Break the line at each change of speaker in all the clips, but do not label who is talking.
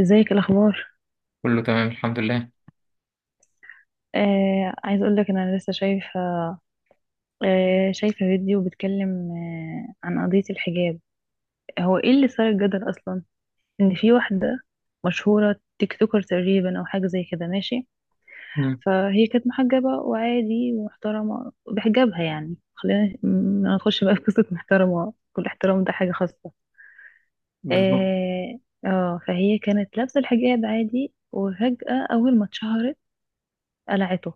ازيك؟ إيه الاخبار؟
كله تمام الحمد لله.
عايز اقول لك انا لسه شايفه، شايفه فيديو بيتكلم عن قضيه الحجاب. هو ايه اللي صار الجدل اصلا؟ ان في واحده مشهوره، تيك توكر تقريبا او حاجه زي كده، ماشي.
مم.
فهي كانت محجبه وعادي ومحترمه بحجابها، يعني خلينا ما ندخلش بقى في قصه. محترمه كل احترام، ده حاجه خاصه.
بالظبط.
اه. فهي كانت لابسه الحجاب عادي، وفجاه اول ما اتشهرت قلعته.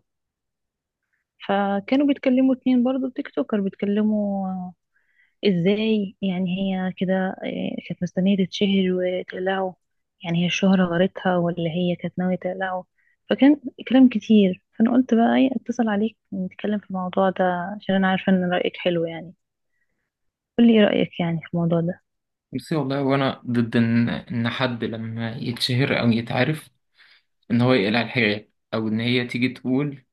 فكانوا بيتكلموا اتنين برضو تيك توكر، بيتكلموا. ازاي يعني هي كده؟ كانت مستنية تتشهر وتقلعه؟ يعني هي الشهرة غرتها، ولا هي كانت ناوية تقلعه؟ فكان كلام كتير، فأنا قلت بقى ايه، اتصل عليك نتكلم في الموضوع ده، عشان أنا عارفة إن رأيك حلو يعني. قولي ايه رأيك يعني في الموضوع ده؟
بصي والله، وانا ضد ان حد لما يتشهر او يتعرف ان هو يقلع الحجاب، او ان هي تيجي تقول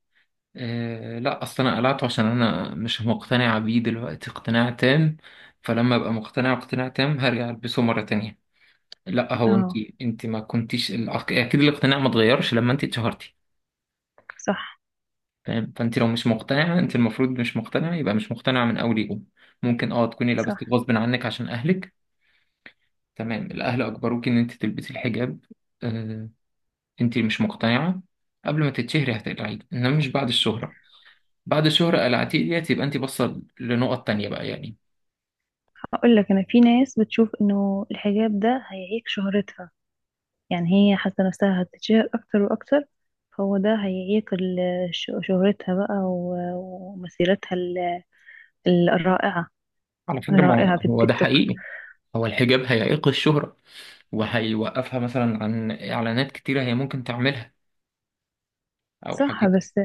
آه لا اصل انا قلعته عشان انا مش مقتنعه بيه دلوقتي اقتناع تام. فلما ابقى مقتنعه اقتناع تام هرجع البسه مره تانية. لا هو انت،
اه.
انت ما كنتيش الأق- اكيد الاقتناع ما اتغيرش لما انت اتشهرتي.
صح،
فاهم؟ فانت لو مش مقتنعه، انت المفروض مش مقتنعه، يبقى مش مقتنعه من اول يوم. ممكن اه تكوني لبستي
صح.
غصب عنك عشان اهلك، تمام، الأهل أجبروك إن أنت تلبسي الحجاب. آه، أنت مش مقتنعة، قبل ما تتشهري هتقلعيه، إنما مش بعد الشهرة. بعد الشهرة قلعتيه ديت، يبقى أنت باصة لنقط تانية بقى يعني.
هقول لك، أنا في ناس بتشوف إنه الحجاب ده هيعيق شهرتها، يعني هي حاسة نفسها هتتشهر أكتر وأكتر، فهو ده هياكل شهرتها بقى ومسيرتها الرائعة
على فكرة، ما هو
الرائعة في
هو ده
التيك توك.
حقيقي، هو الحجاب هيعيق الشهرة وهيوقفها مثلا عن إعلانات كتيرة هي ممكن تعملها، أو
صح،
حاجات.
بس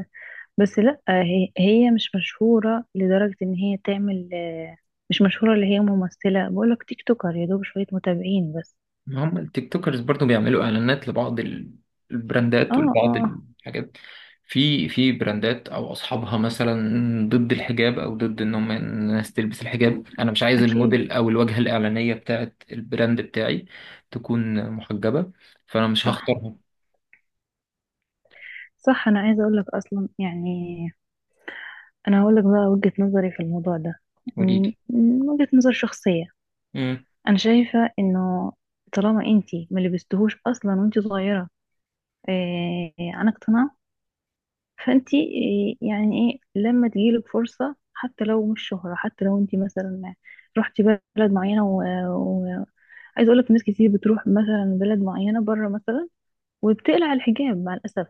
لأ، هي مش مشهورة لدرجة إن هي تعمل. مش مشهورة اللي هي ممثلة، بقولك تيك توكر، يا دوب شوية متابعين بس.
ما هم التيك توكرز برضو بيعملوا اعلانات لبعض
اه،
البراندات
اه،
ولبعض الحاجات. في براندات او اصحابها مثلا ضد الحجاب، او ضد ان هم الناس تلبس الحجاب. انا مش عايز
أكيد.
الموديل او الواجهه الاعلانيه بتاعت البراند بتاعي تكون محجبه، فانا مش
صح،
هختارها.
صح. أنا عايزة أقولك أصلا يعني، أنا هقولك بقى وجهة نظري في الموضوع ده.
قولي لي.
وجهة نظر شخصية.
امم
انا شايفه انه طالما انتي ما لبستهوش اصلا وانتي صغيره، عن اقتناع، فانتي يعني ايه لما تجيلك فرصه، حتى لو مش شهره، حتى لو انتي مثلا رحتي بلد معينه، وعايز اقول لك ناس كتير بتروح مثلا بلد معينه بره مثلا وبتقلع الحجاب مع الاسف.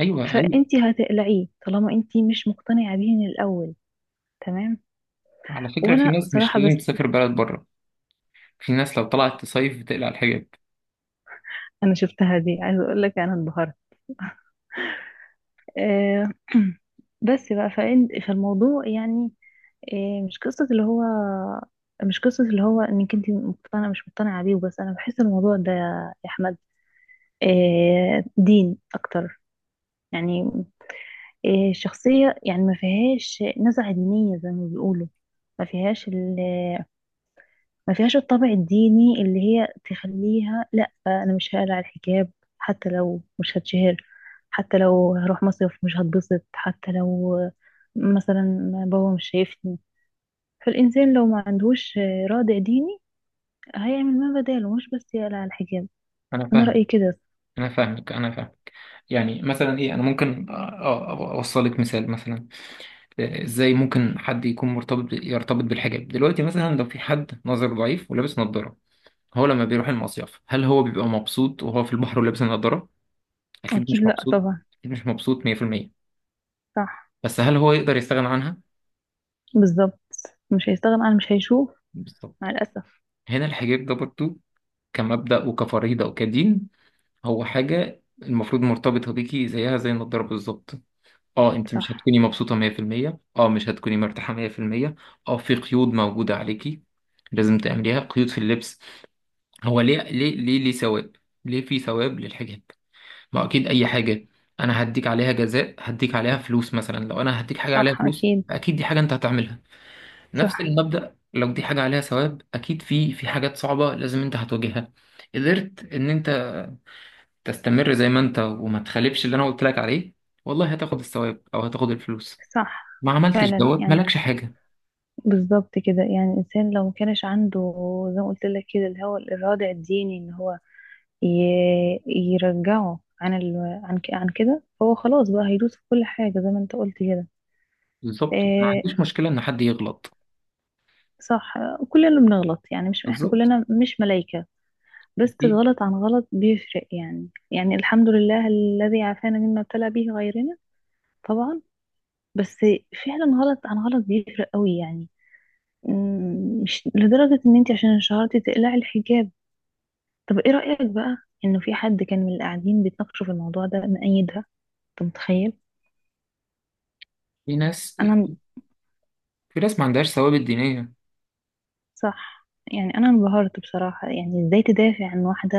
ايوه ايوه.
فانتي هتقلعيه طالما انتي مش مقتنعه بيه من الاول. تمام.
على فكره، في
وانا
ناس مش
صراحه
لازم
بس
تسافر بلد بره، في ناس لو طلعت تصيف بتقلع الحجاب.
انا شفتها دي، عايز اقول لك انا انبهرت. آه، بس بقى فالموضوع يعني إيه، مش قصة اللي هو مش قصة اللي هو انك انت مقتنعة مش مقتنعة بيه وبس. انا بحس الموضوع ده يا احمد دين اكتر يعني، الشخصية يعني ما فيهاش نزعة دينية زي ما بيقولوا. ما فيهاش ما فيهاش الطابع الديني اللي هي تخليها: لا، انا مش هقلع الحجاب حتى لو مش هتشهر، حتى لو هروح مصيف مش هتبسط، حتى لو مثلا بابا مش شايفني. فالإنسان لو ما عندهوش رادع ديني هيعمل ما بداله، مش بس يقلع الحجاب.
انا
أنا
فاهمك،
رأيي كده.
انا فاهمك. يعني مثلا ايه، انا ممكن اوصلك مثال مثلا، ازاي ممكن حد يكون مرتبط يرتبط بالحجاب دلوقتي. مثلا لو في حد نظر ضعيف ولابس نظارة، هو لما بيروح المصيف هل هو بيبقى مبسوط وهو في البحر ولابس النظارة؟ اكيد
أكيد
مش
لأ،
مبسوط،
طبعا.
اكيد مش مبسوط 100%.
صح.
بس هل هو يقدر يستغنى عنها؟
بالظبط. مش هيستغنى عن مش هيشوف
بالظبط.
مع الأسف.
هنا الحجاب ده برضه، كمبدأ وكفريضة وكدين، هو حاجة المفروض مرتبطة بيكي زيها زي النضارة بالظبط. اه، انت
صح.
مش هتكوني مبسوطة 100%، اه مش هتكوني مرتاحة 100%، اه في قيود موجودة عليكي لازم تعمليها، قيود في اللبس. هو ليه، ليه ثواب؟ ليه في ثواب للحجاب؟ ما هو اكيد اي حاجه انا هديك عليها جزاء، هديك عليها فلوس مثلا، لو انا هديك حاجه عليها
صح،
فلوس
أكيد.
اكيد دي حاجه انت هتعملها. نفس
صح.
المبدا، لو دي حاجه عليها ثواب، اكيد في حاجات صعبه لازم انت هتواجهها. قدرت ان انت تستمر زي ما انت وما تخالفش اللي انا قلت لك عليه، والله هتاخد الثواب او هتاخد الفلوس.
صح،
ما عملتش
فعلا
دوت
يعني.
مالكش حاجه.
بالظبط كده، يعني الإنسان لو ما كانش عنده، زي ما قلت لك كده، اللي هو الإرادة الديني، اللي هو يرجعه عن عن كده، هو خلاص بقى هيدوس في كل حاجة زي ما انت قلت كده.
بالظبط، ما
إيه،
عنديش مشكله ان حد يغلط.
صح. كلنا بنغلط يعني، مش احنا
بالظبط.
كلنا مش ملايكة. بس
في
غلط عن غلط بيفرق يعني، الحمد لله الذي عافانا مما ابتلى به غيرنا. طبعا. بس فعلا غلط عن غلط بيفرق قوي يعني. مش لدرجة ان انت عشان شهرتي تقلعي الحجاب. طب ايه رأيك بقى، انه في حد كان من اللي قاعدين بيتناقشوا في الموضوع ده مأيدها؟ انت متخيل؟
في
انا...
في ناس ما عندهاش ثوابت دينيه.
صح، يعني انا انبهرت بصراحة، يعني ازاي تدافع عن واحدة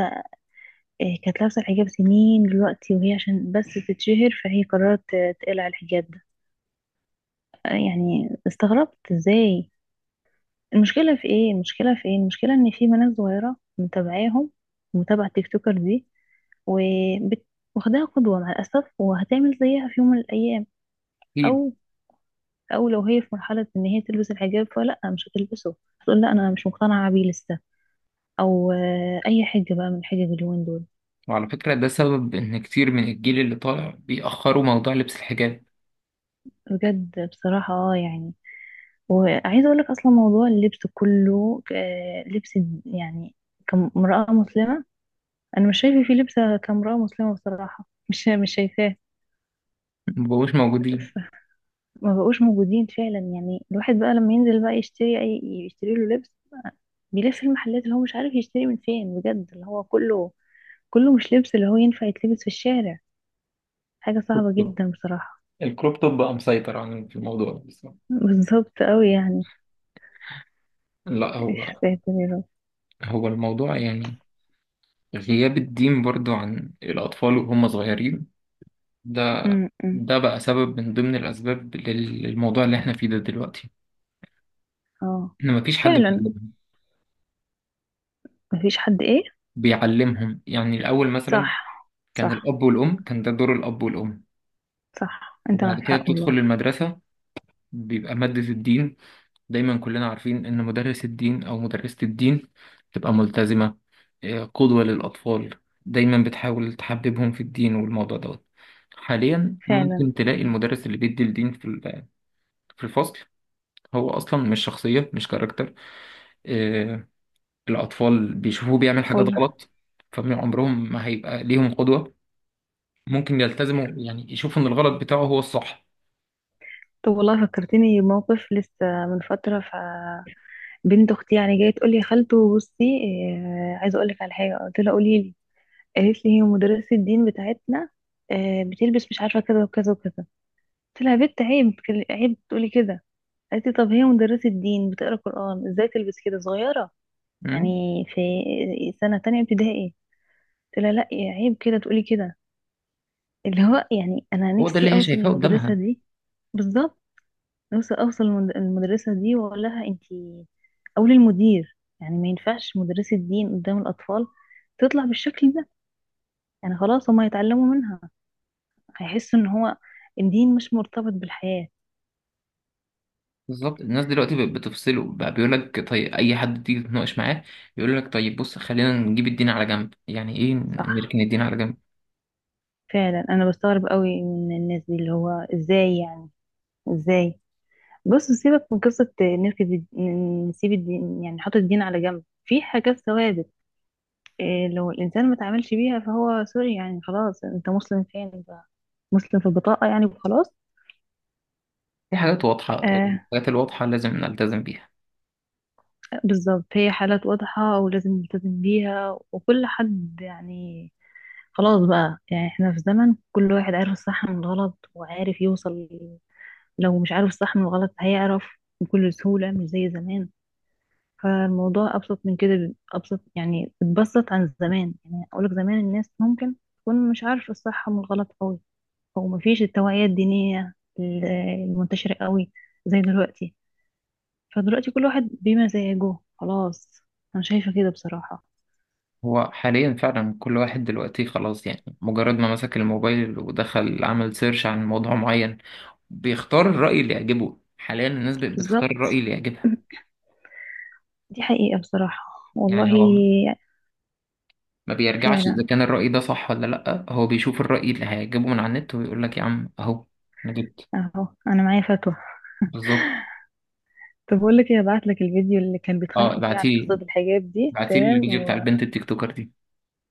كانت لابسة الحجاب سنين دلوقتي، وهي عشان بس تتشهر فهي قررت تقلع الحجاب ده؟ يعني استغربت ازاي. المشكلة ان في بنات صغيرة متابعاهم، متابعة تيك توكر دي وبت- واخداها قدوة مع الأسف، وهتعمل زيها في يوم من الأيام،
أكيد.
او او لو هي في مرحله ان هي تلبس الحجاب فلا مش هتلبسه، هتقول لا انا مش مقتنعه بيه لسه، او اي حجه بقى من حجج اليومين دول.
وعلى فكرة ده سبب إن كتير من الجيل اللي طالع بيأخروا موضوع لبس الحجاب.
بجد بصراحه اه يعني. وعايزه اقول لك اصلا، موضوع اللبس كله، لبس يعني كامراه مسلمه، انا مش شايفه فيه لبسه كامراه مسلمه بصراحه. مش شايفاه.
مبقوش موجودين.
ف- ما بقوش موجودين فعلا، يعني الواحد بقى لما ينزل بقى يشتري اي، يشتري له لبس، بيلف المحلات اللي هو مش عارف يشتري من فين بجد، اللي هو كله مش لبس اللي هو ينفع يتلبس في الشارع. حاجة
الكروب
صعبة
توب،
جدا بصراحة.
الكروب توب بقى مسيطر عن في الموضوع ده بصراحة.
بالظبط قوي يعني.
لا
يا
هو،
ساتر يا رب.
هو الموضوع يعني غياب الدين برضو عن الأطفال وهم صغيرين، ده
م- م.
ده بقى سبب من ضمن الأسباب للموضوع اللي احنا فيه ده دلوقتي.
اه.
إن مفيش حد
فعلا.
بيعلمهم،
مفيش حد ايه؟
بيعلمهم يعني. الأول مثلا
صح.
كان
صح.
الأب والأم، كان ده دور الأب والأم.
صح، انت معك
وبعد كده
حق
بتدخل
والله.
المدرسة، بيبقى مادة الدين، دايما كلنا عارفين إن مدرس الدين أو مدرسة الدين تبقى ملتزمة، قدوة للأطفال، دايما بتحاول تحببهم في الدين والموضوع دوت. حاليا
فعلا
ممكن تلاقي المدرس اللي بيدي الدين في في الفصل، هو أصلا مش شخصية، مش كاركتر. آه، الأطفال بيشوفوه بيعمل حاجات
والله.
غلط، فمن عمرهم ما هيبقى ليهم قدوة. ممكن يلتزموا، يعني يشوفوا إن الغلط بتاعه هو الصح.
طب والله فكرتني بموقف لسه من فترة، بنت اختي يعني جايه تقول لي: يا خالته بصي، عايزه اقول لك على حاجه. قلت لها: قولي لي. قالت لي: هي مدرسه الدين بتاعتنا بتلبس مش عارفه كذا وكذا وكذا. قلت لها: يا بنت عيب عيب تقولي كده. قالت لي: طب هي مدرسة دين بتقرا قرآن، ازاي تلبس كده صغيرة؟ يعني
مم.
في سنة تانية ابتدائي. قلت لها: لا عيب كده تقولي كده. اللي هو يعني انا
هو ده
نفسي
اللي هي
اوصل
شايفاه
للمدرسة
قدامها.
دي. بالظبط. نفسي اوصل للمدرسة دي واقول لها: انتي او للمدير، يعني ما ينفعش مدرسة دين قدام الاطفال تطلع بالشكل ده، يعني خلاص هما يتعلموا منها، هيحسوا ان هو الدين مش مرتبط بالحياة.
بالظبط. الناس دلوقتي بقت بتفصله بقى، بيقول لك طيب اي حد تيجي تتناقش معاه يقول لك طيب بص خلينا نجيب الدين على جنب. يعني ايه
صح.
نركن الدين على جنب؟
فعلا انا بستغرب قوي من الناس دي، اللي هو ازاي يعني؟ ازاي؟ بص سيبك من قصة نسيب الدين، يعني نحط الدين على جنب في حاجات ثوابت إيه؟ لو الإنسان ما تعاملش بيها فهو سوري يعني، خلاص أنت مسلم فين؟ أنت مسلم في البطاقة يعني، وخلاص.
في حاجات واضحة،
آه.
الحاجات الواضحة لازم نلتزم بيها.
بالظبط، هي حالات واضحة ولازم نلتزم بيها، وكل حد يعني خلاص بقى، يعني احنا في زمن كل واحد عارف الصح من الغلط وعارف يوصل. لو مش عارف الصح من الغلط هيعرف بكل سهولة، مش زي زمان. فالموضوع أبسط من كده، أبسط يعني، اتبسط عن زمان، يعني أقولك زمان الناس ممكن تكون مش عارفة الصح من الغلط قوي، أو مفيش التوعية الدينية ال- المنتشرة قوي زي دلوقتي. فدلوقتي كل واحد بمزاجه خلاص. أنا شايفة كده بصراحة.
هو حاليا فعلا كل واحد دلوقتي خلاص، يعني مجرد ما مسك الموبايل ودخل عمل سيرش عن موضوع معين بيختار الرأي اللي يعجبه. حاليا الناس بقت بتختار
بالظبط.
الرأي اللي يعجبها.
دي حقيقة بصراحة والله.
يعني هو ما بيرجعش
فعلا.
إذا كان الرأي ده صح ولا لأ، هو بيشوف الرأي اللي هيعجبه من على النت ويقول لك يا عم أهو أنا جبت.
أهو أنا معايا فتوى.
بالظبط.
طب بقول لك إيه، هبعتلك الفيديو اللي كان
اه
بيتخانقوا فيه على
بعتيلي،
قصة الحجاب دي،
بعتيلي
تمام،
الفيديو بتاع البنت التيك توكر دي.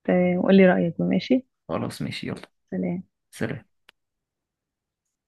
تمام، وقولي رأيك، ماشي.
خلاص ماشي، يلا.
سلام.
سلام.